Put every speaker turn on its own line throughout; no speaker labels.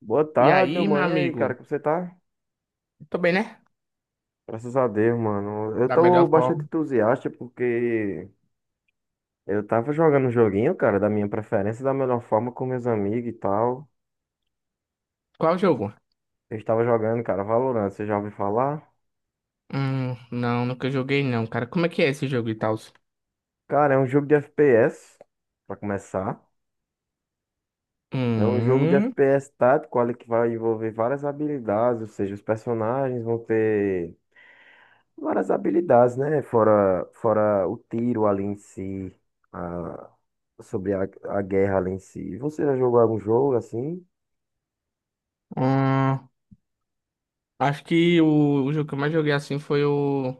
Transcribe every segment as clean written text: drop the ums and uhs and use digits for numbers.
Boa
E
tarde, meu
aí, meu
mano. E aí, cara,
amigo?
como você tá?
Tô bem, né?
Graças a Deus, mano. Eu
Da
tô
melhor
bastante
forma.
entusiasta porque eu tava jogando um joguinho, cara, da minha preferência, da melhor forma com meus amigos e tal.
Qual jogo?
Eu estava jogando, cara, Valorant, você já ouviu falar?
Não, nunca joguei não, cara. Como é que é esse jogo e tal?
Cara, é um jogo de FPS, pra começar. É um jogo de
Hum,
FPS tático, olha, que vai envolver várias habilidades, ou seja, os personagens vão ter várias habilidades, né? Fora o tiro ali em si, a- sobre a guerra ali em si. Você já jogou algum jogo assim?
hum, Acho que o jogo que eu mais joguei assim foi o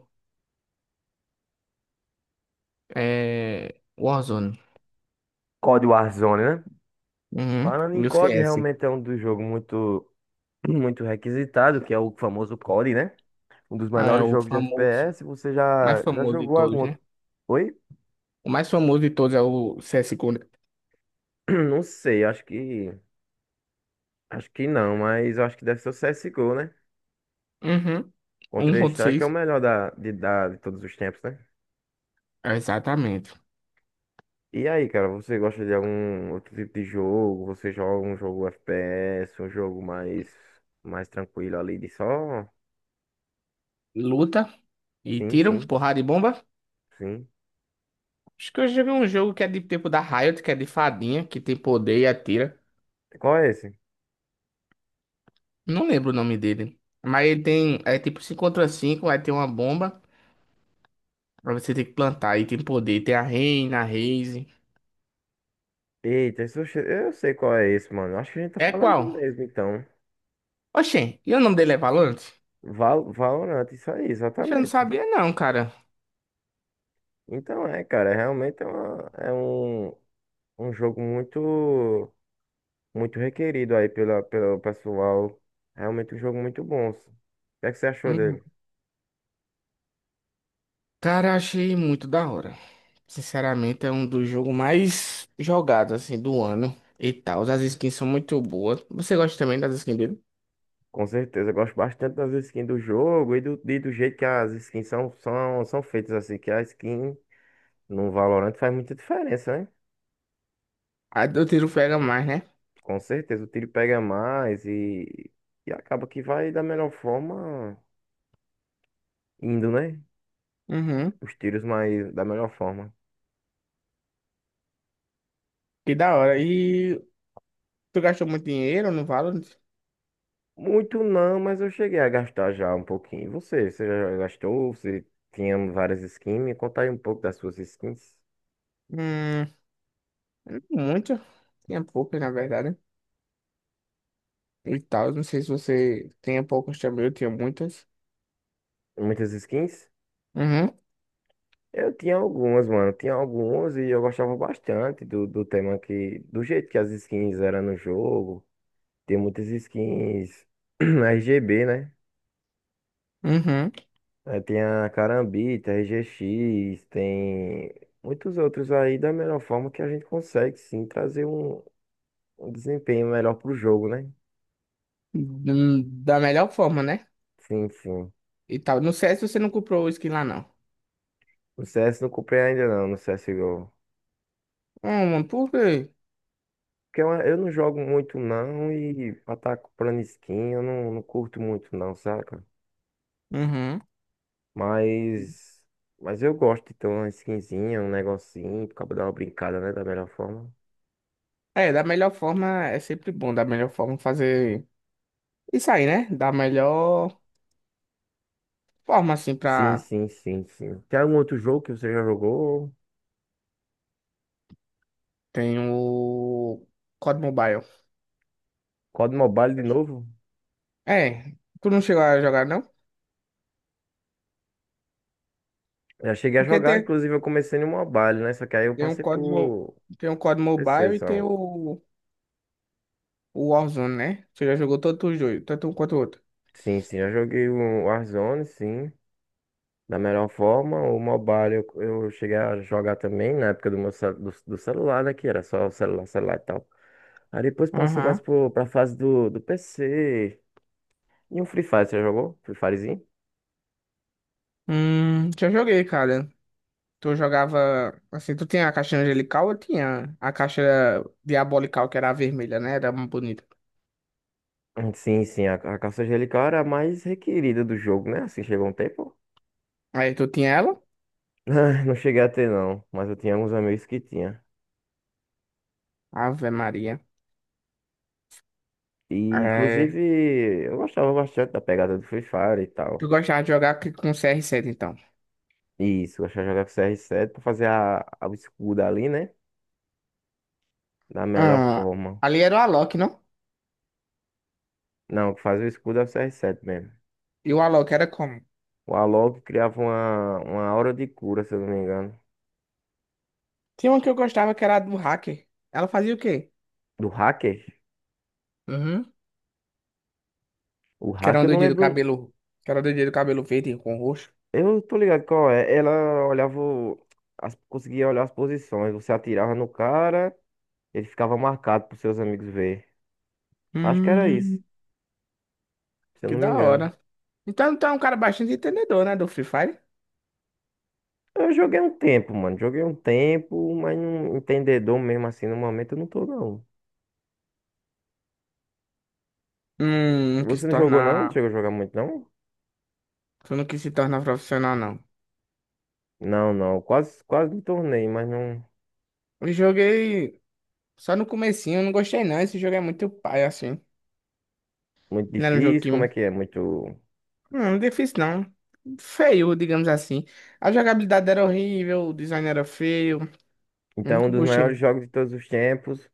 é, Warzone.
COD Warzone, né?
Uhum,
Falando em
e o
COD,
CS.
realmente é um dos jogos muito, muito requisitado, que é o famoso COD, né? Um dos
Ah, é
melhores
o
jogos de
famoso.
FPS. Você
Mais
já
famoso de
jogou algum
todos, né?
outro? Oi?
O mais famoso de todos é o CSGO, né?
Não sei, acho que. Acho que não, mas eu acho que deve ser o C S. C. O. né?
Uhum,
O Contra-Strike é o
1.6.
melhor de todos os tempos, né?
Exatamente.
E aí, cara, você gosta de algum outro tipo de jogo? Você joga um jogo FPS, um jogo mais tranquilo ali de só?
Luta e
Sim,
tiro,
sim,
porrada e bomba.
sim.
Acho que eu joguei um jogo que é de tipo da Riot, que é de fadinha, que tem poder e atira.
Qual é esse?
Não lembro o nome dele. Mas ele tem. É tipo 5 contra 5, aí tem uma bomba. Pra você ter que plantar, aí tem poder. Tem a Reina, a Raze.
Eita, eu sei qual é esse, mano. Acho que a gente tá
É
falando do
qual?
mesmo, então.
Oxê, e o nome dele é Valorant?
Valorant, isso aí,
Oxe, eu não
exatamente.
sabia, não, cara.
Então cara, realmente é um jogo muito, muito requerido aí pelo pessoal. Realmente um jogo muito bom. O que é que você achou
Uhum.
dele?
Cara, achei muito da hora. Sinceramente, é um dos jogos mais jogados, assim, do ano. E tal. As skins são muito boas. Você gosta também das skins dele?
Com certeza, eu gosto bastante das skins do jogo e e do jeito que as skins são feitas, assim, que a skin no Valorant faz muita diferença, né?
A do tiro pega mais, né?
Com certeza, o tiro pega mais e acaba que vai da melhor forma indo, né?
Uhum.
Os tiros mais da melhor forma.
Que da hora. E tu gastou muito dinheiro no Valorant?
Muito não, mas eu cheguei a gastar já um pouquinho. E você já gastou? Você tinha várias skins? Me conta aí um pouco das suas skins.
Hum, Muito. Tinha poucas, na verdade. E tal. Não sei se você tinha poucas também, eu tinha muitas.
Muitas skins?
Uhum,
Eu tinha algumas, mano. Tinha algumas e eu gostava bastante do tema que. Do jeito que as skins eram no jogo. Tem muitas skins RGB, né?
uhum.
Aí tem a Carambita, RGX, tem muitos outros aí da melhor forma que a gente consegue sim trazer um desempenho melhor pro jogo, né?
Da melhor forma, né?
Sim, sim.
E tal. No CS você não comprou o skin lá, não.
No CS não comprei ainda não, no CSGO.
Mano, por quê?
Porque eu não jogo muito não e pra estar tá comprando skin eu não curto muito não, saca?
Uhum.
Mas, mas eu gosto de ter uma skinzinha, um negocinho, pra dar uma brincada, né? Da melhor forma.
É, da melhor forma é sempre bom. Da melhor forma fazer isso aí, né? Da melhor forma, assim,
Sim,
pra.
sim, sim, sim. Tem algum outro jogo que você já jogou?
Tem o COD Mobile.
COD Mobile de novo?
É, tu não chegou a jogar, não?
Já cheguei a
Porque
jogar,
tem
inclusive eu comecei no Mobile, né? Só que aí eu
Tem um
passei
COD, mo-
por
tem um COD Mobile e tem
exceção.
o Warzone, né? Você já jogou todos os dois, tanto um quanto o outro.
Sim, sim, já joguei o Warzone, sim. Da melhor forma, o Mobile eu cheguei a jogar também na época do do celular, né? Que era só celular, celular e tal. Aí depois passou mais
Aham.
pra fase do PC. E um Free Fire, você já jogou? Free Firezinho?
Já joguei, cara. Tu jogava, assim, tu tinha a caixa angelical, eu tinha a caixa diabolical, que era a vermelha, né? Era muito bonita.
Sim, sim, a caça angelical era a mais requerida do jogo, né? Assim, chegou um tempo.
Aí tu tinha ela?
Não cheguei a ter, não, mas eu tinha alguns amigos que tinha.
Ave Maria.
E,
É...
inclusive, eu gostava bastante da pegada do Free Fire e
Tu
tal.
gostava de jogar com CR7 então.
Isso, eu gostava de jogar com CR7 pra fazer o escudo ali, né? Da melhor
Ah,
forma.
ali era o Alok, não?
Não, o que fazia o escudo é o CR7 mesmo.
E o Alok era como?
O Alok criava uma aura de cura, se eu não me engano.
Tinha uma que eu gostava que era a do hacker. Ela fazia o quê?
Do hacker? O
Que era
hacker
uma
eu não
doidinha do
lembro.
cabelo. Que era uma doidinha do cabelo verde com roxo.
Eu não tô ligado qual é. Ela olhava, conseguia olhar as posições. Você atirava no cara, ele ficava marcado pros seus amigos ver. Acho que era isso,
Hum,
se eu
Que
não me
da
engano.
hora. Então tu é um cara bastante entendedor, né, do Free Fire?
Eu joguei um tempo, mano. Joguei um tempo, mas não entendedor mesmo assim no momento eu não tô, não.
Não quis
Você
se
não jogou, não? Não
tornar.
chegou a jogar muito, não?
Tu não quis se tornar profissional, não.
Não, não. Quase, quase me tornei, mas não.
Eu joguei só no comecinho, eu não gostei não. Esse jogo é muito pai, assim.
Muito
Não era um jogo
difícil,
que.
como é que é? Muito.
Não, é difícil não. Feio, digamos assim. A jogabilidade era horrível, o design era feio.
Então, um
Nunca
dos maiores
gostei.
jogos de todos os tempos,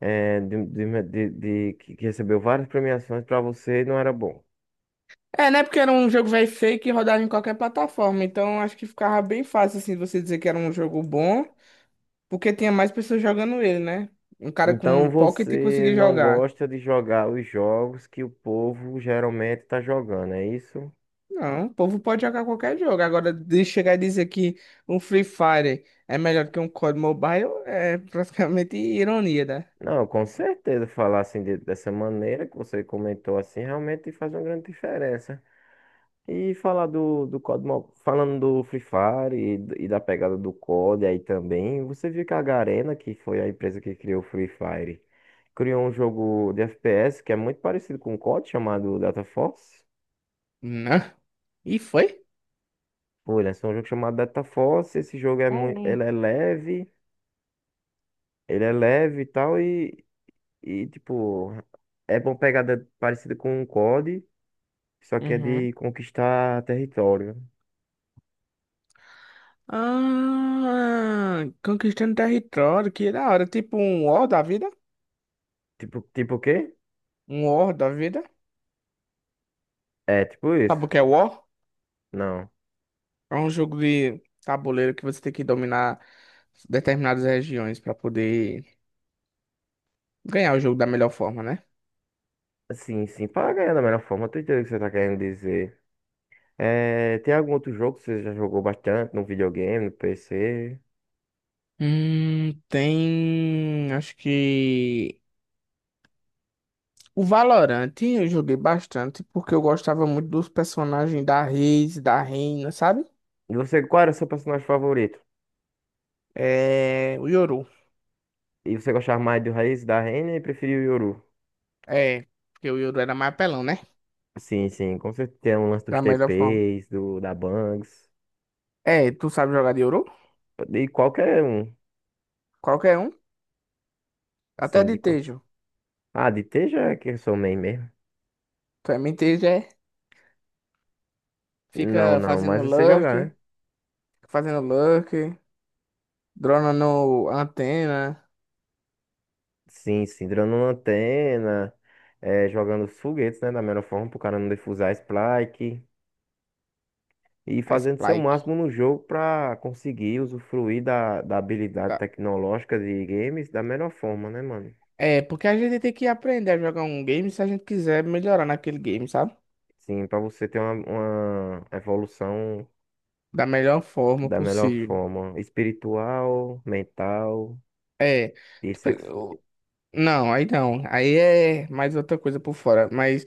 que recebeu várias premiações, pra você não era bom.
É, né? Porque era um jogo velho feio que rodava em qualquer plataforma. Então acho que ficava bem fácil, assim, você dizer que era um jogo bom, porque tinha mais pessoas jogando ele, né? Um cara com um
Então
pocket
você
conseguir
não
jogar.
gosta de jogar os jogos que o povo geralmente está jogando, é isso?
Não, o povo pode jogar qualquer jogo. Agora, de chegar e dizer que um Free Fire é melhor que um COD Mobile é praticamente ironia, né?
Não, com certeza falar assim dessa maneira que você comentou assim realmente faz uma grande diferença. E falar do COD, falando do Free Fire e da pegada do COD aí também, você viu que a Garena, que foi a empresa que criou o Free Fire, criou um jogo de FPS que é muito parecido com o COD, chamado Data Force.
Não. E foi?
Foi, lançou um jogo chamado Data Force, esse jogo é
Ah,
muito,
é.
ele é leve. Ele é leve e tal, e tipo, é bom pegada parecida com um COD, só que é
Uhum.
de conquistar território.
Ah, conquistando território, que da hora. Tipo um War da vida?
Tipo o quê?
Um War da vida?
É, tipo
Sabe
isso.
o que é War?
Não.
É um jogo de tabuleiro que você tem que dominar determinadas regiões pra poder ganhar o jogo da melhor forma, né?
Sim, sim, para ganhar da melhor forma, eu tô entendendo o que você tá querendo dizer. É, tem algum outro jogo que você já jogou bastante no videogame, no PC?
Tem. Acho que. O Valorant eu joguei bastante porque eu gostava muito dos personagens da Reis, da Reina, sabe?
E você, qual era o seu personagem favorito?
É. O Yoru.
E você gostava mais do Raiz, da Renner e preferia o Yoru?
É. Porque o Yoru era mais apelão, né?
Sim, sim, com certeza tem um lance dos
Da melhor forma.
TPs, da Bangs,
É, tu sabe jogar de Yoru?
de qualquer um.
Qualquer um. Até
Sim,
de
de
Tejo.
Ah, de ter já é que eu sou main mesmo.
Tu é Tejo, é.
Não,
Fica
não, mas
fazendo
você jogar, né?
lurk, fazendo lurker, dronando antena,
Sim, sim, durando uma antena, é, jogando os foguetes, né? Da melhor forma, pro cara não defusar a spike. E
a
fazendo seu
spike.
máximo no jogo pra conseguir usufruir da habilidade
Tá.
tecnológica de games da melhor forma, né, mano?
É, porque a gente tem que aprender a jogar um game se a gente quiser melhorar naquele game, sabe?
Sim, pra você ter uma evolução
Da melhor forma
da melhor
possível.
forma, espiritual, mental
É,
e
tipo,
sexo.
não, aí não. Aí é mais outra coisa por fora. Mas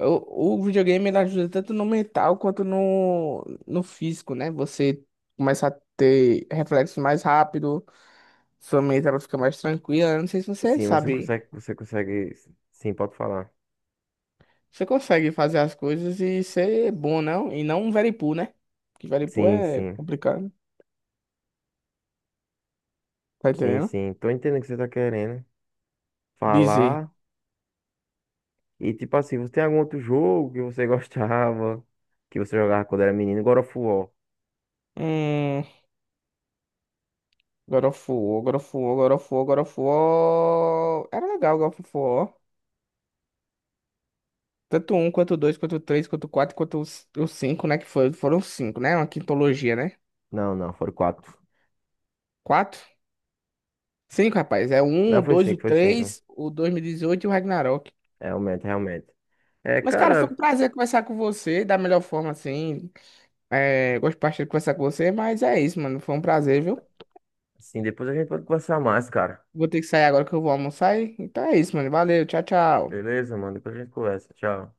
o videogame ele ajuda tanto no mental quanto no físico, né? Você começa a ter reflexos mais rápido, sua mente ela fica mais tranquila. Eu não sei se você
Sim, você
sabe.
consegue, você consegue. Sim, pode falar.
Você consegue fazer as coisas e ser bom, não? E não um veripu, né? Que veripu
Sim,
é
sim.
complicado, tá
Sim,
entendendo?
sim. Tô entendendo o que você tá querendo
Dizer,
falar. E tipo assim, você tem algum outro jogo que você gostava, que você jogava quando era menino? God of War.
hum, God of War, God of War, God of War, God of War. Era legal God of War. Tanto um, quanto dois, quanto três, quanto quatro, quanto os cinco, né? Que foram cinco, né? Uma quintologia, né?
Não, não, foram quatro.
Quatro? Cinco, rapaz. É o um,
Não,
o
foi
dois, o
cinco, foi cinco.
três, o 2018 e dezoito e o Ragnarok.
Realmente, realmente. É,
Mas, cara, foi um
cara,
prazer conversar com você da melhor forma, assim. É, gosto bastante de conversar com você, mas é isso, mano. Foi um prazer, viu?
assim, depois a gente pode conversar mais, cara.
Vou ter que sair agora que eu vou almoçar. Então é isso, mano. Valeu, tchau, tchau.
Beleza, mano? Depois a gente conversa. Tchau.